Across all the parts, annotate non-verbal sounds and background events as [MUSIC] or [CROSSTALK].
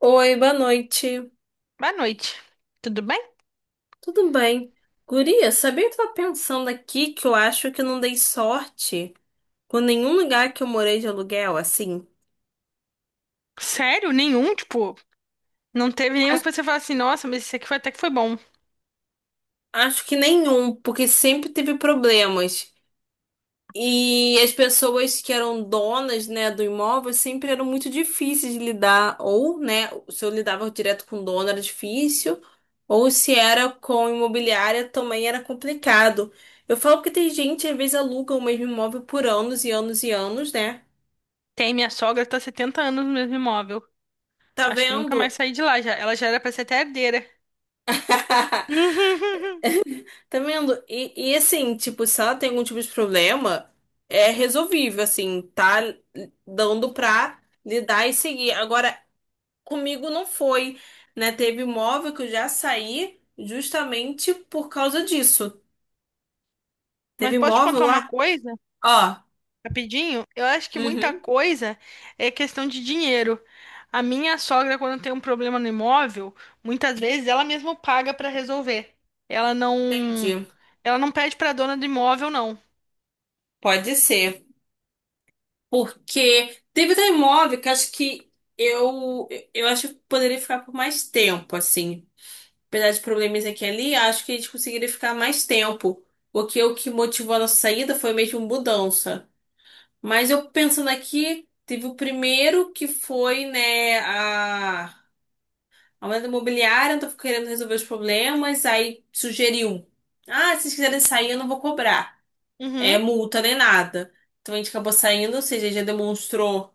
Oi, boa noite. Boa noite. Tudo bem? Tudo bem? Guria, sabia que eu tava pensando aqui que eu acho que eu não dei sorte com nenhum lugar que eu morei de aluguel, assim? Sério? Nenhum? Tipo, não teve nenhum Acho, que você fala assim, nossa, mas esse aqui foi até que foi bom. acho que nenhum, porque sempre teve problemas. E as pessoas que eram donas, né, do imóvel sempre eram muito difíceis de lidar, ou, né, se eu lidava direto com o dono era difícil, ou se era com imobiliária também era complicado. Eu falo que tem gente, às vezes, aluga o mesmo imóvel por anos e anos e anos, né? Tem, minha sogra tá há 70 anos no mesmo imóvel. Tá Acho que nunca mais vendo? saí de lá já. Ela já era pra ser até herdeira. [LAUGHS] [LAUGHS] Tá vendo? E assim, tipo, se ela tem algum tipo de problema, é resolvível, assim, tá dando pra lidar e seguir. Agora, comigo não foi, né? Teve imóvel que eu já saí justamente por causa disso. Mas Teve posso te imóvel contar uma lá? coisa, Ó, rapidinho? Eu acho que muita uhum, coisa é questão de dinheiro. A minha sogra, quando tem um problema no imóvel, muitas vezes ela mesma paga pra resolver. Ela não, entendi. ela não pede pra dona do imóvel, não. Pode ser. Porque teve até imóvel que acho que eu, eu acho que poderia ficar por mais tempo, assim. Apesar de problemas aqui e ali, acho que a gente conseguiria ficar mais tempo. Porque o que motivou a nossa saída foi mesmo mudança. Mas eu pensando aqui, teve o primeiro que foi, né, a aumento imobiliário, eu tô querendo resolver os problemas, aí sugeriu. Ah, se vocês quiserem sair, eu não vou cobrar. É Uhum. multa nem nada. Então a gente acabou saindo, ou seja, já demonstrou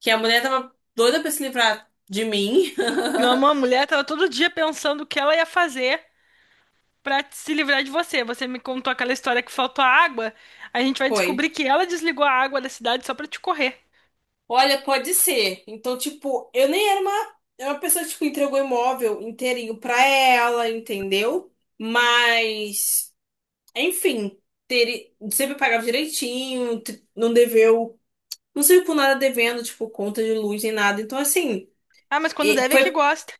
que a mulher tava doida pra se livrar de mim. Não, uma [LAUGHS] mulher tava todo dia pensando o que ela ia fazer pra se livrar de você. Você me contou aquela história que faltou a água. A gente vai Foi. descobrir que ela desligou a água da cidade só pra te correr. Olha, pode ser. Então, tipo, eu nem era uma pessoa que tipo, entregou imóvel inteirinho pra ela, entendeu? Mas, enfim, sempre pagava direitinho, não deveu. Não saiu com nada devendo, tipo, conta de luz nem nada. Então, assim, Ah, mas quando e deve é que foi. [LAUGHS] gosta.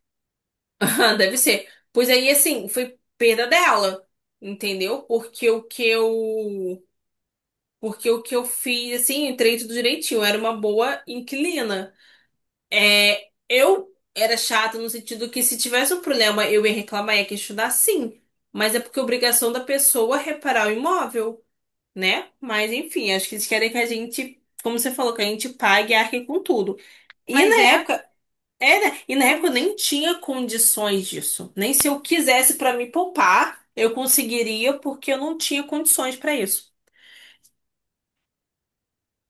Ah, deve ser. Pois aí, assim, foi perda dela. Entendeu? Porque o que eu fiz, assim, entrei tudo direitinho. Eu Era uma boa inquilina. É, eu era chata no sentido que se tivesse um problema, eu ia reclamar, ia questionar, sim. Mas é porque é obrigação da pessoa reparar o imóvel, né? Mas, enfim, acho que eles querem que a gente, como você falou, que a gente pague e arque com tudo. E Mas na é, época, É, né? E na é época eu isso. nem tinha condições disso. Nem se eu quisesse pra me poupar, eu conseguiria, porque eu não tinha condições pra isso.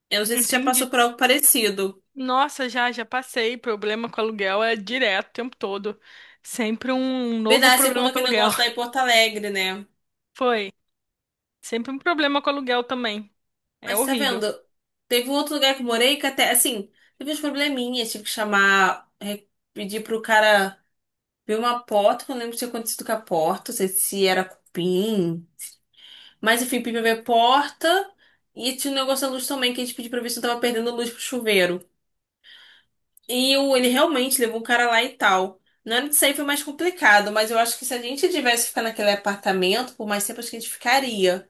Eu não sei se você já passou Entendi. por algo parecido. Nossa, já passei. Problema com aluguel é direto, o tempo todo. Sempre um novo Verdade, você problema contou com aquele aluguel. negócio lá em Porto Alegre, né? [LAUGHS] Foi. Sempre um problema com aluguel também. É Mas tá horrível. vendo? Teve um outro lugar que eu morei que até, assim, teve uns probleminhas. Tive que chamar, pedir pro cara ver uma porta, que eu não lembro se tinha acontecido com a porta, não sei se era cupim. Mas enfim, pedi pra ver a porta. E tinha um negócio da luz também, que a gente pediu pra ver se eu tava perdendo luz pro chuveiro. Ele realmente levou o cara lá e tal. Na hora de sair foi mais complicado, mas eu acho que se a gente tivesse ficado naquele apartamento, por mais tempo acho que a gente ficaria.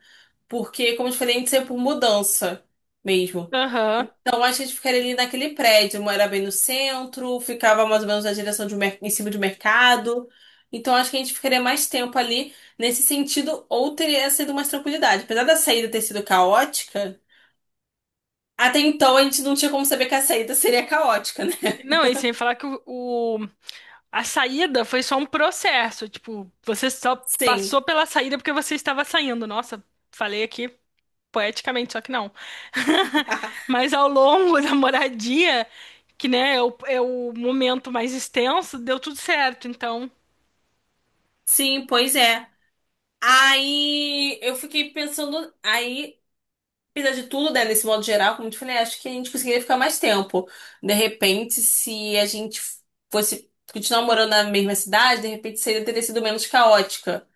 Porque, como eu te falei, a gente saiu por mudança mesmo. Aham. Então acho que a gente ficaria ali naquele prédio, morava bem no centro, ficava mais ou menos na direção em cima de um mercado. Então acho que a gente ficaria mais tempo ali nesse sentido, ou teria sido mais tranquilidade. Apesar da saída ter sido caótica, até então a gente não tinha como saber que a saída seria caótica, né? [LAUGHS] Não, e sem falar que o A saída foi só um processo, tipo, você só Sim, passou pela saída porque você estava saindo. Nossa, falei aqui poeticamente, só que não. [LAUGHS] Mas ao longo [LAUGHS] da moradia, que né, é o momento mais extenso, deu tudo certo. Então, sim, pois é. Aí eu fiquei pensando, aí, apesar de tudo, né, nesse modo geral, como eu te falei, acho que a gente conseguiria ficar mais tempo. De repente, se a gente fosse continuar morando na mesma cidade, de repente seria teria sido menos caótica,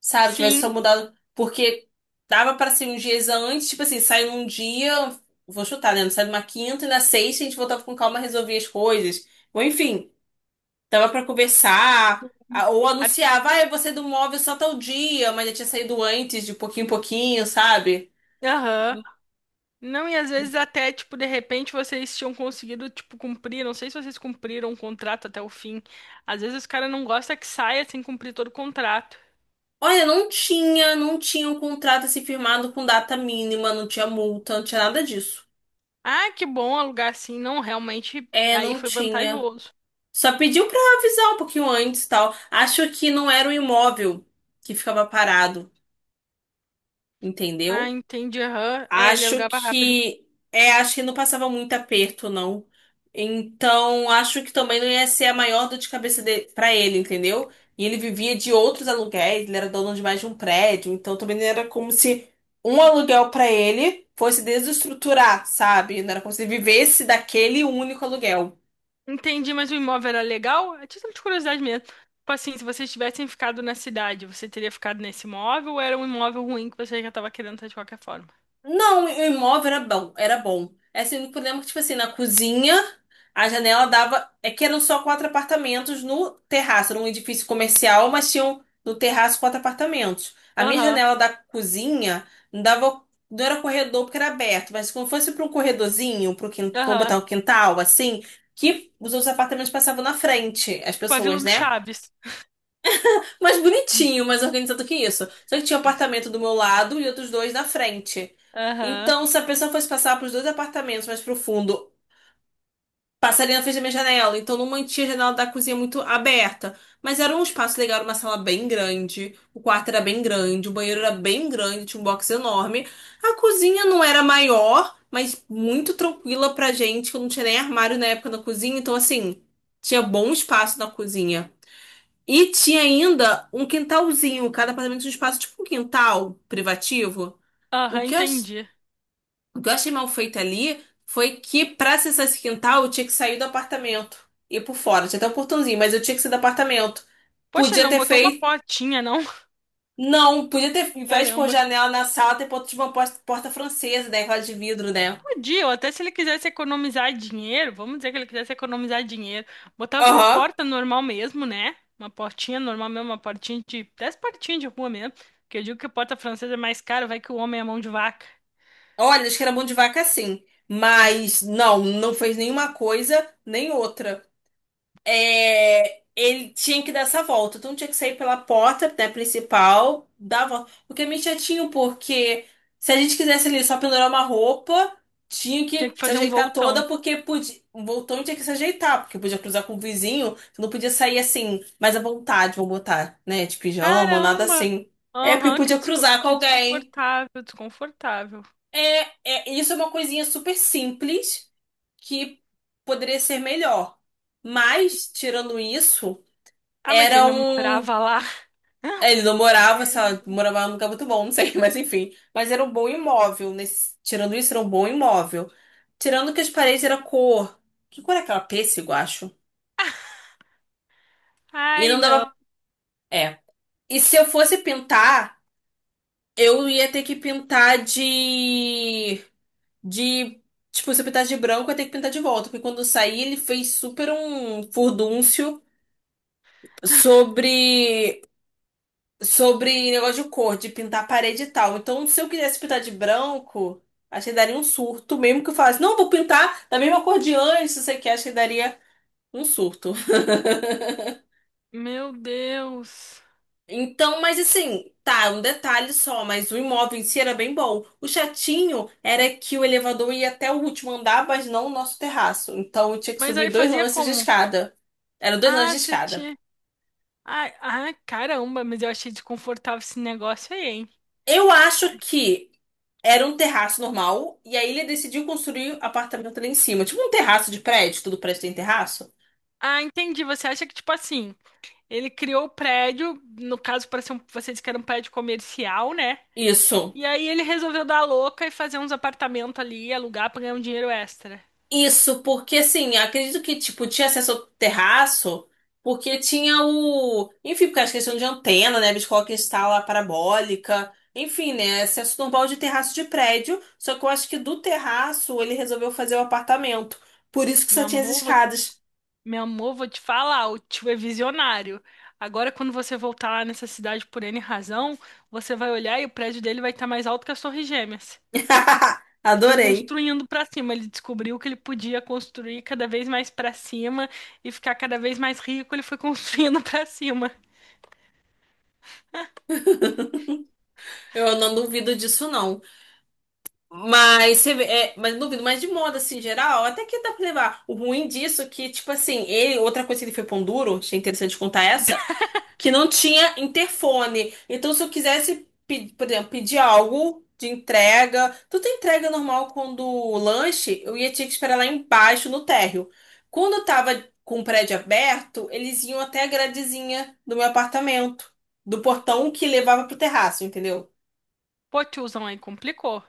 sabe? Tivesse sim, só mudado, porque dava pra ser uns dias antes, tipo assim, sai num dia, vou chutar, né? Sai numa quinta e na sexta a gente voltava com calma, resolvia as coisas. Ou enfim, tava pra conversar, ou a- anunciava, ah, eu vou sair do móvel só tal dia, mas já tinha saído antes, de pouquinho em pouquinho, sabe? aham. Não, e às vezes até, tipo, de repente vocês tinham conseguido, tipo, cumprir, não sei se vocês cumpriram o contrato até o fim. Às vezes os caras não gostam que saia sem cumprir todo o contrato. Olha, não tinha um contrato assim firmado com data mínima, não tinha multa, não tinha nada disso. Ah, que bom alugar assim. Não, realmente É, aí não foi tinha. vantajoso. Só pediu pra avisar um pouquinho antes e tal. Acho que não era o imóvel que ficava parado, Ah, entendeu? entendi. Aham. É, ele Acho alugava rápido. que acho que não passava muito aperto, não. Então, acho que também não ia ser a maior dor de cabeça para ele, entendeu? E ele vivia de outros aluguéis, ele era dono de mais de um prédio, então também não era como se um aluguel para ele fosse desestruturar, sabe? Não era como se ele vivesse daquele único aluguel. Entendi, mas o imóvel era legal? É título de curiosidade mesmo. Tipo assim, se vocês tivessem ficado na cidade, você teria ficado nesse imóvel ou era um imóvel ruim que você já tava querendo ter de qualquer forma? Não, o imóvel era bom, era bom. É assim, o problema é que, tipo assim, na cozinha, a janela dava. É que eram só quatro apartamentos no terraço, era um edifício comercial, mas tinham no terraço quatro apartamentos. A minha Aham, janela da cozinha não dava. Não era corredor porque era aberto, mas como fosse para um corredorzinho, para aham. botar um quintal, assim, que os outros apartamentos passavam na frente, as Tipo a Vila pessoas, do né? Chaves. Mais Hum. bonitinho, mais organizado que isso. Só que tinha um apartamento do meu lado e outros dois na frente. Aham, Então, se a pessoa fosse passar pros dois apartamentos mais pro fundo, passaria na frente da minha janela. Então, não mantinha a janela da cozinha muito aberta. Mas era um espaço legal, era uma sala bem grande. O quarto era bem grande, o banheiro era bem grande, tinha um box enorme. A cozinha não era maior, mas muito tranquila pra gente, que eu não tinha nem armário na época na cozinha. Então, assim, tinha bom espaço na cozinha. E tinha ainda um quintalzinho, cada apartamento tinha um espaço tipo um quintal privativo. O aham, que eu, ach- entendi. o que eu achei mal feito ali foi que pra acessar esse quintal eu tinha que sair do apartamento e ir por fora. Tinha até um portãozinho, mas eu tinha que sair do apartamento. Poxa, ele Podia não ter botou uma feito. portinha, não? [LAUGHS] Não, podia ter, ao invés de pôr Caramba. janela na sala, ter posto tipo, uma porta, porta francesa, né? Aquela de vidro, né? Podia, ou até se ele quisesse economizar dinheiro, vamos dizer que ele quisesse economizar dinheiro, botava uma Aham. porta normal mesmo, né? Uma portinha normal mesmo, uma portinha de 10 portinhas de rua mesmo. Que eu digo que a porta francesa é mais cara, vai que o homem é mão de vaca. Olha, acho que era mão de vaca sim. Mas não, não fez nenhuma coisa nem outra. É, ele tinha que dar essa volta. Então tinha que sair pela porta, né, principal, dar a volta. O que é meio chatinho, porque se a gente quisesse ali só pendurar uma roupa, tinha Tinha que que se fazer um ajeitar voltão. toda, porque podia. O voltão tinha que se ajeitar, porque podia cruzar com o vizinho, você não podia sair assim, mais à vontade, vou botar, né? De pijama, nada Caramba! assim. É, porque Aham, que, podia cruzar com que alguém. desconfortável, desconfortável. Isso é uma coisinha super simples que poderia ser melhor. Mas, tirando isso. Ah, mas ele Era não um. morava lá. Ele não [LAUGHS] morava, É. sei lá, morava num lugar muito bom, não sei, [LAUGHS] mas enfim. Mas era um bom imóvel. Tirando isso, era um bom imóvel. Tirando que as paredes era cor. Que cor é aquela? Pêssego, acho. E Ai, não não. dava. É. E se eu fosse pintar, eu ia ter que pintar de. De. Tipo, se eu pintasse de branco, eu ia ter que pintar de volta. Porque quando eu saí, ele fez super um furdúncio sobre sobre negócio de cor, de pintar a parede e tal. Então, se eu quisesse pintar de branco, acho que daria um surto, mesmo que eu falasse, não, vou pintar da mesma cor de antes, se você quer, acho que daria um surto. Meu Deus. Então, mas assim, tá, um detalhe só, mas o imóvel em si era bem bom. O chatinho era que o elevador ia até o último andar, mas não o nosso terraço. Então, eu tinha que Mas subir aí dois fazia lances de como? escada. Eram dois lances Ah, de você escada. tinha. Ah, caramba, mas eu achei desconfortável esse negócio aí, hein? Eu acho que era um terraço normal, e aí ele decidiu construir um apartamento ali em cima. Tipo um terraço de prédio, todo prédio tem terraço. Ah, entendi. Você acha que, tipo assim, ele criou o prédio, no caso, para ser um, você disse que era um prédio comercial, né? Isso. E aí ele resolveu dar a louca e fazer uns apartamentos ali, alugar pra ganhar um dinheiro extra. Isso, porque assim, acredito que, tipo, tinha acesso ao terraço, porque tinha o. Enfim, porque as questões de antena, né? Biscoca instala a parabólica. Enfim, né? Acesso normal de terraço de prédio. Só que eu acho que do terraço ele resolveu fazer o apartamento. Por isso que só Meu tinha as amor, vou, escadas. meu amor, vou te falar, o tio é visionário. Agora, quando você voltar lá nessa cidade por N razão, você vai olhar e o prédio dele vai estar mais alto que as Torres Gêmeas. [LAUGHS] Ele foi Adorei. construindo pra cima, ele descobriu que ele podia construir cada vez mais pra cima e ficar cada vez mais rico, ele foi construindo [LAUGHS] pra cima. Eu não duvido disso, não. Mas não duvido, mas de moda assim, em geral, até que dá pra levar. O ruim disso é que, tipo assim, outra coisa que ele foi pão duro, achei interessante contar essa, que não tinha interfone. Então, se eu quisesse, por exemplo, pedir algo de entrega, tudo é entrega normal quando o lanche, eu ia ter que esperar lá embaixo no térreo. Quando eu tava com o prédio aberto, eles iam até a gradezinha do meu apartamento, do portão que levava pro terraço, entendeu? Pô, tiozão aí complicou.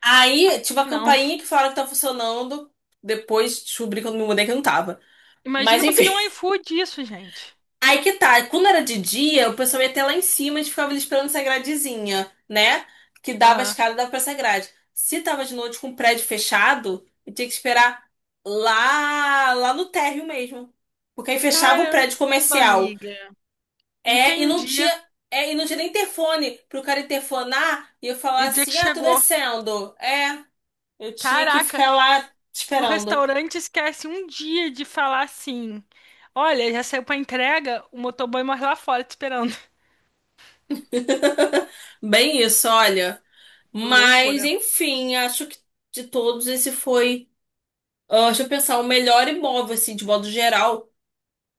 Aí, tive a Não. campainha que falaram que tá funcionando. Depois descobri quando me mudei que não tava. Mas Imagina pra enfim. pedir um iFood isso, gente. [LAUGHS] Aí que tá. Quando era de dia, o pessoal ia até lá em cima e ficava ali esperando essa gradezinha, né? Que dava a Aham. escada e dava pra essa grade. Se tava de noite com o prédio fechado, eu tinha que esperar lá no térreo mesmo. Porque aí fechava o Caramba, prédio comercial. amiga. É, e não Entendi. tinha. É, e não tinha nem interfone pro cara interfonar e eu falar E dizer que assim: ah, tô chegou. descendo. É. Eu tinha que Caraca, ficar lá se o esperando. restaurante esquece um dia de falar assim, olha, já saiu pra entrega, o motoboy morre lá fora te esperando. [LAUGHS] Bem isso, olha. [LAUGHS] Mas, Loucura. enfim, acho que de todos esse foi, ah, deixa eu pensar, o melhor imóvel, assim, de modo geral,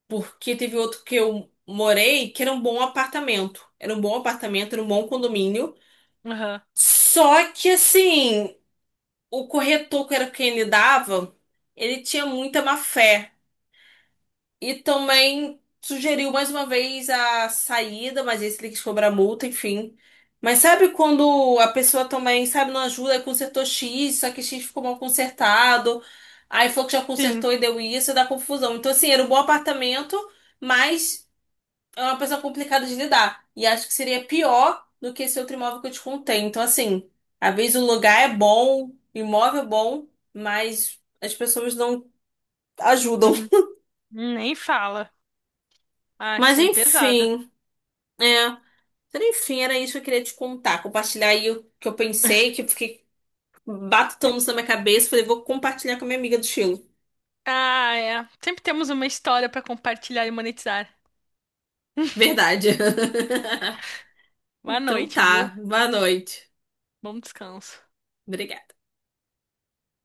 porque teve outro que eu morei que era um bom apartamento. Era um bom apartamento, era um bom condomínio. Aham. Só que, assim, o corretor que era quem ele dava, ele tinha muita má fé. E também sugeriu mais uma vez a saída, mas esse ele quis cobrar multa, enfim. Mas sabe quando a pessoa também, sabe, não ajuda, aí consertou X, só que X ficou mal consertado, aí falou que já Sim. consertou e deu isso, dá confusão. Então, assim, era um bom apartamento, mas é uma pessoa complicada de lidar. E acho que seria pior do que esse outro imóvel que eu te contei. Então, assim, às vezes o lugar é bom, o imóvel é bom, mas as pessoas não ajudam. Hum, [LAUGHS] Nem fala. Ah, Mas sim, é pesado. enfim. É. Então, enfim, era isso que eu queria te contar, compartilhar aí o que eu pensei, que eu fiquei batutando [LAUGHS] isso na minha cabeça, falei, vou compartilhar com a minha amiga do Chile. Ah, é. Sempre temos uma história pra compartilhar e monetizar. Verdade. [LAUGHS] Boa Então noite, tá, viu? boa noite. Bom descanso. Obrigada.